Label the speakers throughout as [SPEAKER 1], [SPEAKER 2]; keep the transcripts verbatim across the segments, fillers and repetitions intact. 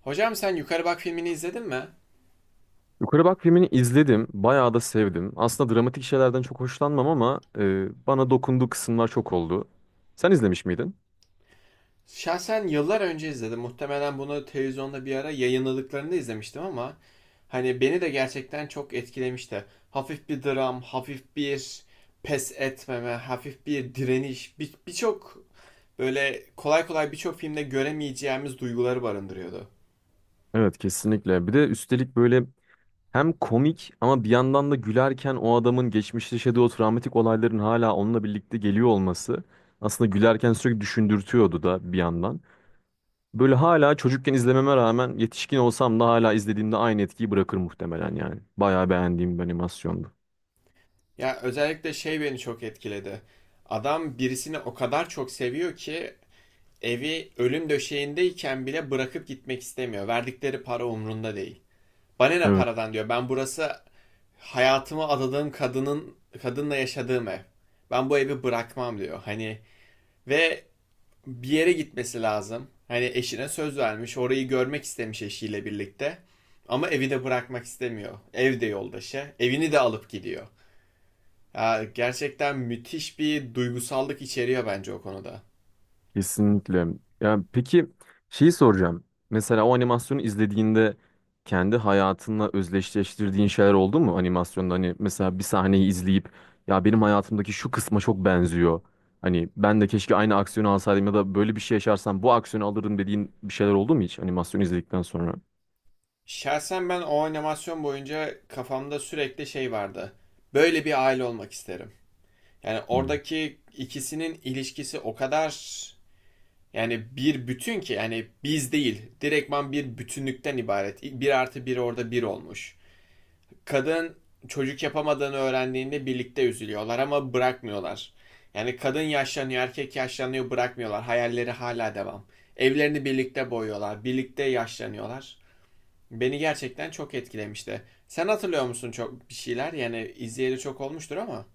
[SPEAKER 1] Hocam sen Yukarı Bak filmini izledin mi?
[SPEAKER 2] Yukarı Bak filmini izledim. Bayağı da sevdim. Aslında dramatik şeylerden çok hoşlanmam ama e, bana dokunduğu kısımlar çok oldu. Sen izlemiş miydin?
[SPEAKER 1] Şahsen yıllar önce izledim. Muhtemelen bunu televizyonda bir ara yayınladıklarında izlemiştim ama hani beni de gerçekten çok etkilemişti. Hafif bir dram, hafif bir pes etmeme, hafif bir direniş, bir- birçok böyle kolay kolay birçok filmde göremeyeceğimiz duyguları barındırıyordu.
[SPEAKER 2] Evet, kesinlikle. Bir de üstelik böyle hem komik ama bir yandan da gülerken o adamın geçmişte yaşadığı o travmatik olayların hala onunla birlikte geliyor olması aslında gülerken sürekli düşündürtüyordu da bir yandan. Böyle hala çocukken izlememe rağmen yetişkin olsam da hala izlediğimde aynı etkiyi bırakır muhtemelen yani. Bayağı beğendiğim bir animasyondu.
[SPEAKER 1] Ya özellikle şey beni çok etkiledi. Adam birisini o kadar çok seviyor ki evi ölüm döşeğindeyken bile bırakıp gitmek istemiyor. Verdikleri para umrunda değil. Bana ne
[SPEAKER 2] Evet.
[SPEAKER 1] paradan diyor. Ben burası hayatımı adadığım kadının kadınla yaşadığım ev. Ben bu evi bırakmam diyor. Hani ve bir yere gitmesi lazım. Hani eşine söz vermiş. Orayı görmek istemiş eşiyle birlikte. Ama evi de bırakmak istemiyor. Ev de yoldaşı. Evini de alıp gidiyor. Ya gerçekten müthiş bir duygusallık içeriyor bence o konuda.
[SPEAKER 2] Kesinlikle. Ya peki, şeyi soracağım. Mesela o animasyonu izlediğinde kendi hayatınla özdeşleştirdiğin şeyler oldu mu animasyonda? Hani mesela bir sahneyi izleyip ya benim hayatımdaki şu kısma çok benziyor. Hani ben de keşke aynı aksiyonu alsaydım ya da böyle bir şey yaşarsam bu aksiyonu alırdım dediğin bir şeyler oldu mu hiç animasyonu izledikten sonra?
[SPEAKER 1] Şahsen ben o animasyon boyunca kafamda sürekli şey vardı. Böyle bir aile olmak isterim. Yani oradaki ikisinin ilişkisi o kadar yani bir bütün ki, yani biz değil, direktman bir bütünlükten ibaret. Bir artı bir orada bir olmuş. Kadın çocuk yapamadığını öğrendiğinde birlikte üzülüyorlar ama bırakmıyorlar. Yani kadın yaşlanıyor, erkek yaşlanıyor, bırakmıyorlar. Hayalleri hala devam. Evlerini birlikte boyuyorlar, birlikte yaşlanıyorlar. Beni gerçekten çok etkilemişti. Sen hatırlıyor musun çok bir şeyler? Yani izleyeli çok olmuştur ama.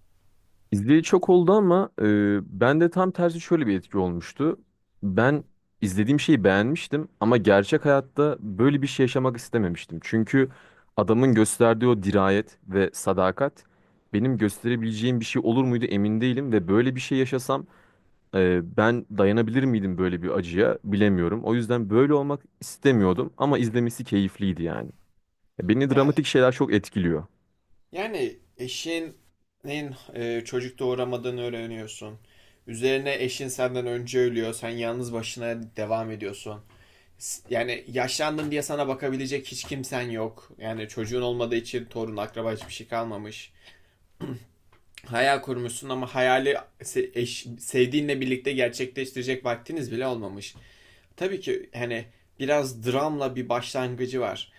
[SPEAKER 2] İzleyeli çok oldu ama e, ben de tam tersi şöyle bir etki olmuştu. Ben izlediğim şeyi beğenmiştim ama gerçek hayatta böyle bir şey yaşamak istememiştim. Çünkü adamın gösterdiği o dirayet ve sadakat benim gösterebileceğim bir şey olur muydu emin değilim ve böyle bir şey yaşasam e, ben dayanabilir miydim böyle bir acıya bilemiyorum. O yüzden böyle olmak istemiyordum ama izlemesi keyifliydi yani. Beni
[SPEAKER 1] Ya,
[SPEAKER 2] dramatik şeyler çok etkiliyor.
[SPEAKER 1] yani eşinin e, çocuk doğuramadığını öğreniyorsun. Üzerine eşin senden önce ölüyor. Sen yalnız başına devam ediyorsun. S- Yani yaşlandın diye sana bakabilecek hiç kimsen yok. Yani çocuğun olmadığı için torun, akraba hiçbir şey kalmamış. Hayal kurmuşsun ama hayali se- eş- sevdiğinle birlikte gerçekleştirecek vaktiniz bile olmamış. Tabii ki hani biraz dramla bir başlangıcı var.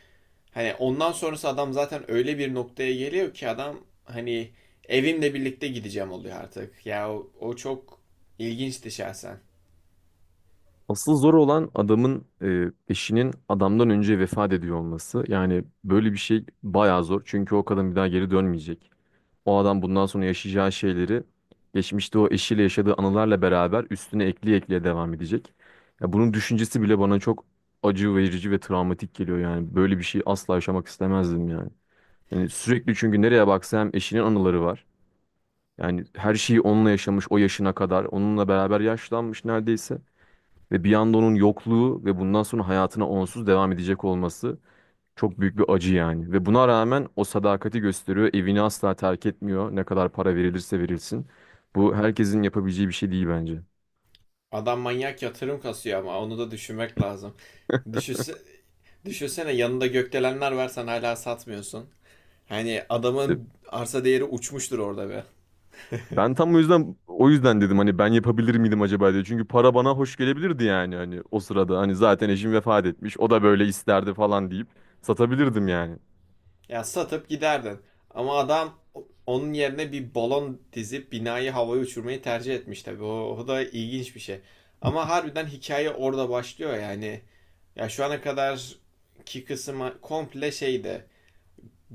[SPEAKER 1] Hani ondan sonrası adam zaten öyle bir noktaya geliyor ki adam hani evimle birlikte gideceğim oluyor artık. Ya o, o çok ilginçti şahsen.
[SPEAKER 2] Asıl zor olan adamın e, eşinin adamdan önce vefat ediyor olması. Yani böyle bir şey bayağı zor. Çünkü o kadın bir daha geri dönmeyecek. O adam bundan sonra yaşayacağı şeyleri geçmişte o eşiyle yaşadığı anılarla beraber üstüne ekleye ekleye devam edecek. Ya bunun düşüncesi bile bana çok acı verici ve travmatik geliyor yani. Böyle bir şey asla yaşamak istemezdim yani. Yani sürekli çünkü nereye baksa hem eşinin anıları var. Yani her şeyi onunla yaşamış o yaşına kadar. Onunla beraber yaşlanmış neredeyse. Ve bir anda onun yokluğu ve bundan sonra hayatına onsuz devam edecek olması çok büyük bir acı yani. Ve buna rağmen o sadakati gösteriyor. Evini asla terk etmiyor. Ne kadar para verilirse verilsin. Bu herkesin yapabileceği bir şey değil bence.
[SPEAKER 1] Adam manyak yatırım kasıyor ama onu da düşünmek lazım. Düşünse, düşünsene yanında gökdelenler var, sen hala satmıyorsun. Hani
[SPEAKER 2] E,
[SPEAKER 1] adamın arsa değeri uçmuştur orada be.
[SPEAKER 2] ben tam o yüzden o yüzden dedim hani ben yapabilir miydim acaba diye. Çünkü para bana hoş gelebilirdi yani hani o sırada hani zaten eşim vefat etmiş. O da böyle isterdi falan deyip satabilirdim yani.
[SPEAKER 1] Ya satıp giderdin. Ama adam onun yerine bir balon dizip binayı havaya uçurmayı tercih etmiş tabii. O, o da ilginç bir şey. Ama harbiden hikaye orada başlıyor yani. Ya şu ana kadar ki kısmı komple şeydi.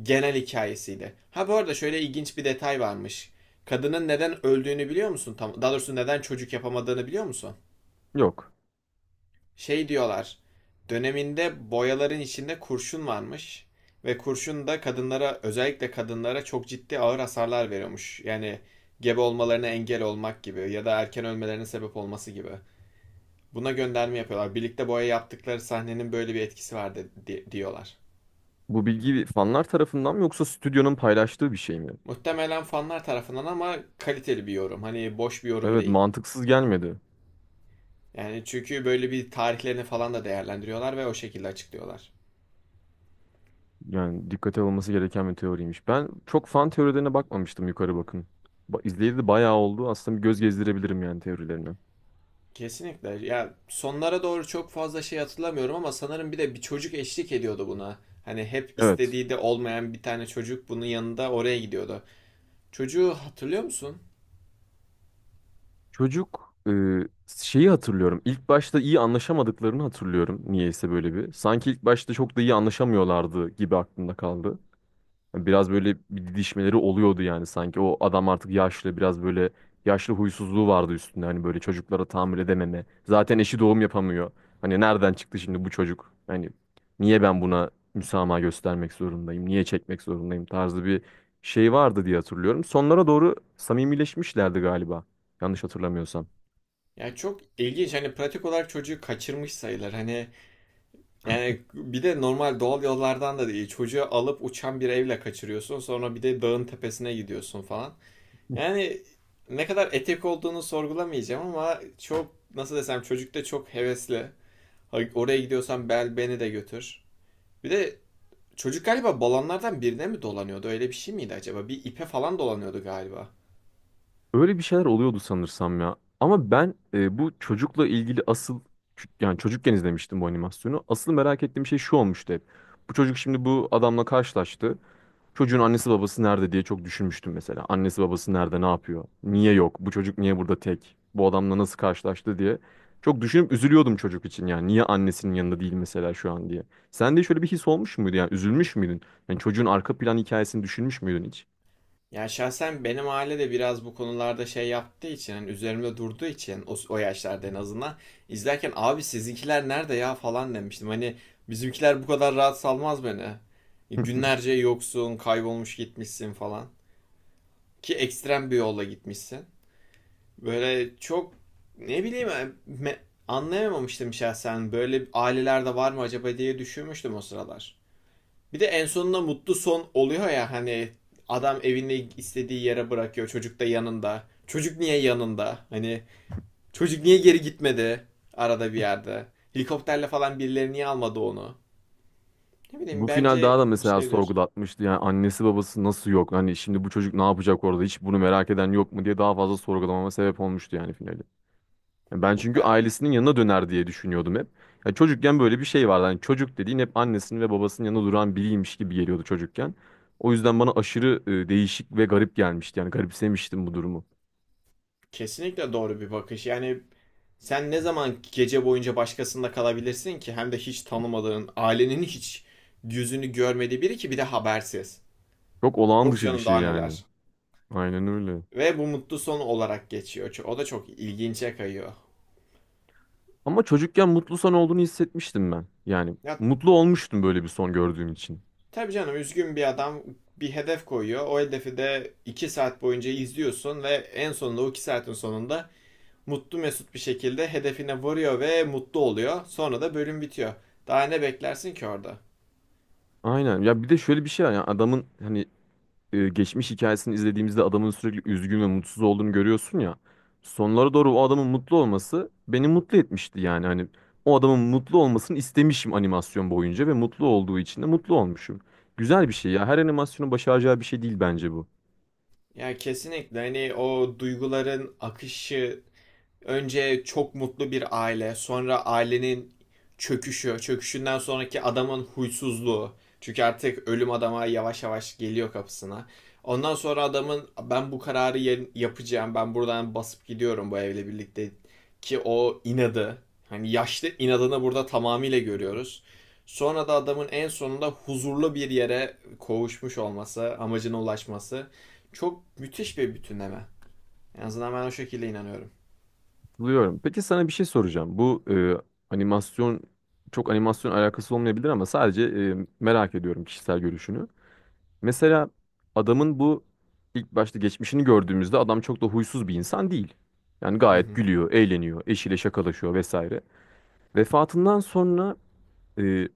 [SPEAKER 1] Genel hikayesiydi. Ha bu arada şöyle ilginç bir detay varmış. Kadının neden öldüğünü biliyor musun? Tam, daha doğrusu neden çocuk yapamadığını biliyor musun?
[SPEAKER 2] Yok.
[SPEAKER 1] Şey diyorlar. Döneminde boyaların içinde kurşun varmış ve kurşun da kadınlara, özellikle kadınlara çok ciddi ağır hasarlar veriyormuş. Yani gebe olmalarına engel olmak gibi ya da erken ölmelerine sebep olması gibi. Buna gönderme yapıyorlar. Birlikte boya yaptıkları sahnenin böyle bir etkisi var di- diyorlar.
[SPEAKER 2] Bu bilgi fanlar tarafından mı yoksa stüdyonun paylaştığı bir şey mi?
[SPEAKER 1] Muhtemelen fanlar tarafından ama kaliteli bir yorum. Hani boş bir yorum
[SPEAKER 2] Evet,
[SPEAKER 1] değil.
[SPEAKER 2] mantıksız gelmedi.
[SPEAKER 1] Yani çünkü böyle bir tarihlerini falan da değerlendiriyorlar ve o şekilde açıklıyorlar.
[SPEAKER 2] Yani dikkate alınması gereken bir teoriymiş. Ben çok fan teorilerine bakmamıştım yukarı bakın. Ba izleyeli de bayağı oldu. Aslında bir göz gezdirebilirim yani teorilerine.
[SPEAKER 1] Kesinlikle. Ya sonlara doğru çok fazla şey hatırlamıyorum ama sanırım bir de bir çocuk eşlik ediyordu buna. Hani hep
[SPEAKER 2] Evet.
[SPEAKER 1] istediği de olmayan bir tane çocuk bunun yanında oraya gidiyordu. Çocuğu hatırlıyor musun?
[SPEAKER 2] Çocuk, e, şeyi hatırlıyorum. İlk başta iyi anlaşamadıklarını hatırlıyorum. Niyeyse böyle bir. Sanki ilk başta çok da iyi anlaşamıyorlardı gibi aklımda kaldı. Biraz böyle bir didişmeleri oluyordu yani sanki. O adam artık yaşlı, biraz böyle yaşlı huysuzluğu vardı üstünde. Hani böyle çocuklara tahammül edememe. Zaten eşi doğum yapamıyor. Hani nereden çıktı şimdi bu çocuk? Hani niye ben buna müsamaha göstermek zorundayım? Niye çekmek zorundayım tarzı bir şey vardı diye hatırlıyorum. Sonlara doğru samimileşmişlerdi galiba. Yanlış hatırlamıyorsam.
[SPEAKER 1] Ya çok ilginç. Hani pratik olarak çocuğu kaçırmış sayılır. Hani yani bir de normal doğal yollardan da değil. Çocuğu alıp uçan bir evle kaçırıyorsun. Sonra bir de dağın tepesine gidiyorsun falan. Yani ne kadar etik olduğunu sorgulamayacağım ama çok nasıl desem çocuk, çocukta çok hevesli. Oraya gidiyorsan bel beni de götür. Bir de çocuk galiba balonlardan birine mi dolanıyordu? Öyle bir şey miydi acaba? Bir ipe falan dolanıyordu galiba.
[SPEAKER 2] Öyle bir şeyler oluyordu sanırsam ya. Ama ben, e, bu çocukla ilgili asıl ç- yani çocukken izlemiştim bu animasyonu. Asıl merak ettiğim şey şu olmuştu hep. Bu çocuk şimdi bu adamla karşılaştı. Çocuğun annesi babası nerede diye çok düşünmüştüm mesela. Annesi babası nerede, ne yapıyor? Niye yok? Bu çocuk niye burada tek? Bu adamla nasıl karşılaştı diye. Çok düşünüp üzülüyordum çocuk için yani. Niye annesinin yanında değil mesela şu an diye. Sen de şöyle bir his olmuş muydu yani? Üzülmüş müydün? Yani çocuğun arka plan hikayesini düşünmüş müydün hiç?
[SPEAKER 1] Yani şahsen benim aile de biraz bu konularda şey yaptığı için, hani üzerimde durduğu için, o, o yaşlarda en azından izlerken abi sizinkiler nerede ya falan demiştim. Hani bizimkiler bu kadar rahat salmaz beni. Günlerce yoksun, kaybolmuş gitmişsin falan. Ki ekstrem bir yolla gitmişsin. Böyle çok ne bileyim me- anlayamamıştım şahsen. Böyle ailelerde var mı acaba diye düşünmüştüm o sıralar. Bir de en sonunda mutlu son oluyor ya, hani adam evini istediği yere bırakıyor. Çocuk da yanında. Çocuk niye yanında? Hani çocuk niye geri gitmedi arada bir yerde? Helikopterle falan birileri niye almadı onu? Ne bileyim,
[SPEAKER 2] Bu final
[SPEAKER 1] bence
[SPEAKER 2] daha da mesela
[SPEAKER 1] düşünebilir.
[SPEAKER 2] sorgulatmıştı. Yani annesi babası nasıl yok? Hani şimdi bu çocuk ne yapacak orada? Hiç bunu merak eden yok mu diye daha fazla sorgulamama sebep olmuştu yani finali. Yani ben çünkü
[SPEAKER 1] Ben,
[SPEAKER 2] ailesinin yanına döner diye düşünüyordum hep. Yani çocukken böyle bir şey vardı. Hani çocuk dediğin hep annesinin ve babasının yanında duran biriymiş gibi geliyordu çocukken. O yüzden bana aşırı e, değişik ve garip gelmişti. Yani garipsemiştim bu durumu.
[SPEAKER 1] Kesinlikle doğru bir bakış. Yani sen ne zaman gece boyunca başkasında kalabilirsin ki hem de hiç tanımadığın, ailenin hiç yüzünü görmediği biri ki bir de habersiz.
[SPEAKER 2] Çok olağan
[SPEAKER 1] Yok
[SPEAKER 2] dışı bir
[SPEAKER 1] canım
[SPEAKER 2] şey
[SPEAKER 1] daha
[SPEAKER 2] yani.
[SPEAKER 1] neler.
[SPEAKER 2] Aynen öyle.
[SPEAKER 1] Ve bu mutlu son olarak geçiyor. O da çok ilginçe kayıyor.
[SPEAKER 2] Ama çocukken mutlu son olduğunu hissetmiştim ben. Yani
[SPEAKER 1] Ya
[SPEAKER 2] mutlu olmuştum böyle bir son gördüğüm için.
[SPEAKER 1] tabii canım, üzgün bir adam bir hedef koyuyor. O hedefi de iki saat boyunca izliyorsun ve en sonunda o iki saatin sonunda mutlu mesut bir şekilde hedefine varıyor ve mutlu oluyor. Sonra da bölüm bitiyor. Daha ne beklersin ki orada?
[SPEAKER 2] Aynen. Ya bir de şöyle bir şey var. Yani adamın hani e, geçmiş hikayesini izlediğimizde adamın sürekli üzgün ve mutsuz olduğunu görüyorsun ya. Sonlara doğru o adamın mutlu olması beni mutlu etmişti yani. Hani o adamın mutlu olmasını istemişim animasyon boyunca ve mutlu olduğu için de mutlu olmuşum. Güzel bir şey ya. Her animasyonun başaracağı bir şey değil bence bu.
[SPEAKER 1] Ya kesinlikle hani o duyguların akışı, önce çok mutlu bir aile, sonra ailenin çöküşü, çöküşünden sonraki adamın huysuzluğu. Çünkü artık ölüm adama yavaş yavaş geliyor kapısına. Ondan sonra adamın ben bu kararı yapacağım, ben buradan basıp gidiyorum bu evle birlikte ki o inadı. Hani yaşlı inadını burada tamamıyla görüyoruz. Sonra da adamın en sonunda huzurlu bir yere kavuşmuş olması, amacına ulaşması çok müthiş bir bütünleme. En azından ben o şekilde inanıyorum.
[SPEAKER 2] Buluyorum. Peki sana bir şey soracağım. Bu e, animasyon çok animasyon alakası olmayabilir ama sadece e, merak ediyorum kişisel görüşünü. Mesela adamın bu ilk başta geçmişini gördüğümüzde adam çok da huysuz bir insan değil. Yani
[SPEAKER 1] Hı
[SPEAKER 2] gayet
[SPEAKER 1] hı.
[SPEAKER 2] gülüyor, eğleniyor, eşiyle şakalaşıyor vesaire. Vefatından sonra e,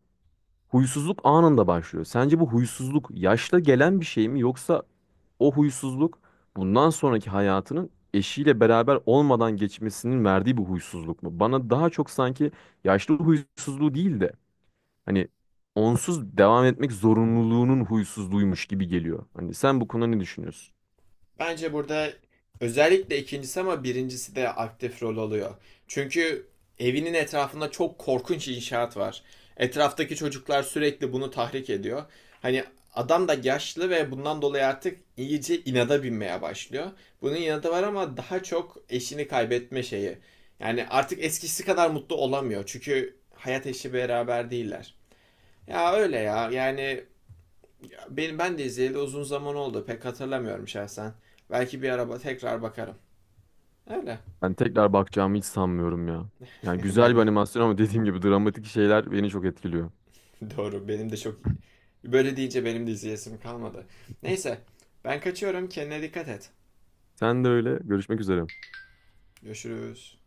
[SPEAKER 2] huysuzluk anında başlıyor. Sence bu huysuzluk yaşla gelen bir şey mi yoksa o huysuzluk bundan sonraki hayatının eşiyle beraber olmadan geçmesinin verdiği bir huysuzluk mu? Bana daha çok sanki yaşlı huysuzluğu değil de hani onsuz devam etmek zorunluluğunun huysuzluğuymuş gibi geliyor. Hani sen bu konuda ne düşünüyorsun?
[SPEAKER 1] Bence burada özellikle ikincisi ama birincisi de aktif rol alıyor. Çünkü evinin etrafında çok korkunç inşaat var. Etraftaki çocuklar sürekli bunu tahrik ediyor. Hani adam da yaşlı ve bundan dolayı artık iyice inada binmeye başlıyor. Bunun inadı var ama daha çok eşini kaybetme şeyi. Yani artık eskisi kadar mutlu olamıyor. Çünkü hayat eşi beraber değiller. Ya öyle ya. Yani benim ben de izleyeli uzun zaman oldu. Pek hatırlamıyorum şahsen. Belki bir araba tekrar bakarım. Öyle.
[SPEAKER 2] Ben tekrar bakacağımı hiç sanmıyorum ya. Yani güzel
[SPEAKER 1] Ben
[SPEAKER 2] bir
[SPEAKER 1] de.
[SPEAKER 2] animasyon ama dediğim gibi dramatik şeyler beni çok etkiliyor.
[SPEAKER 1] Doğru. Benim de çok böyle deyince benim de izleyesim kalmadı. Neyse. Ben kaçıyorum. Kendine dikkat et.
[SPEAKER 2] Sen de öyle. Görüşmek üzere.
[SPEAKER 1] Görüşürüz.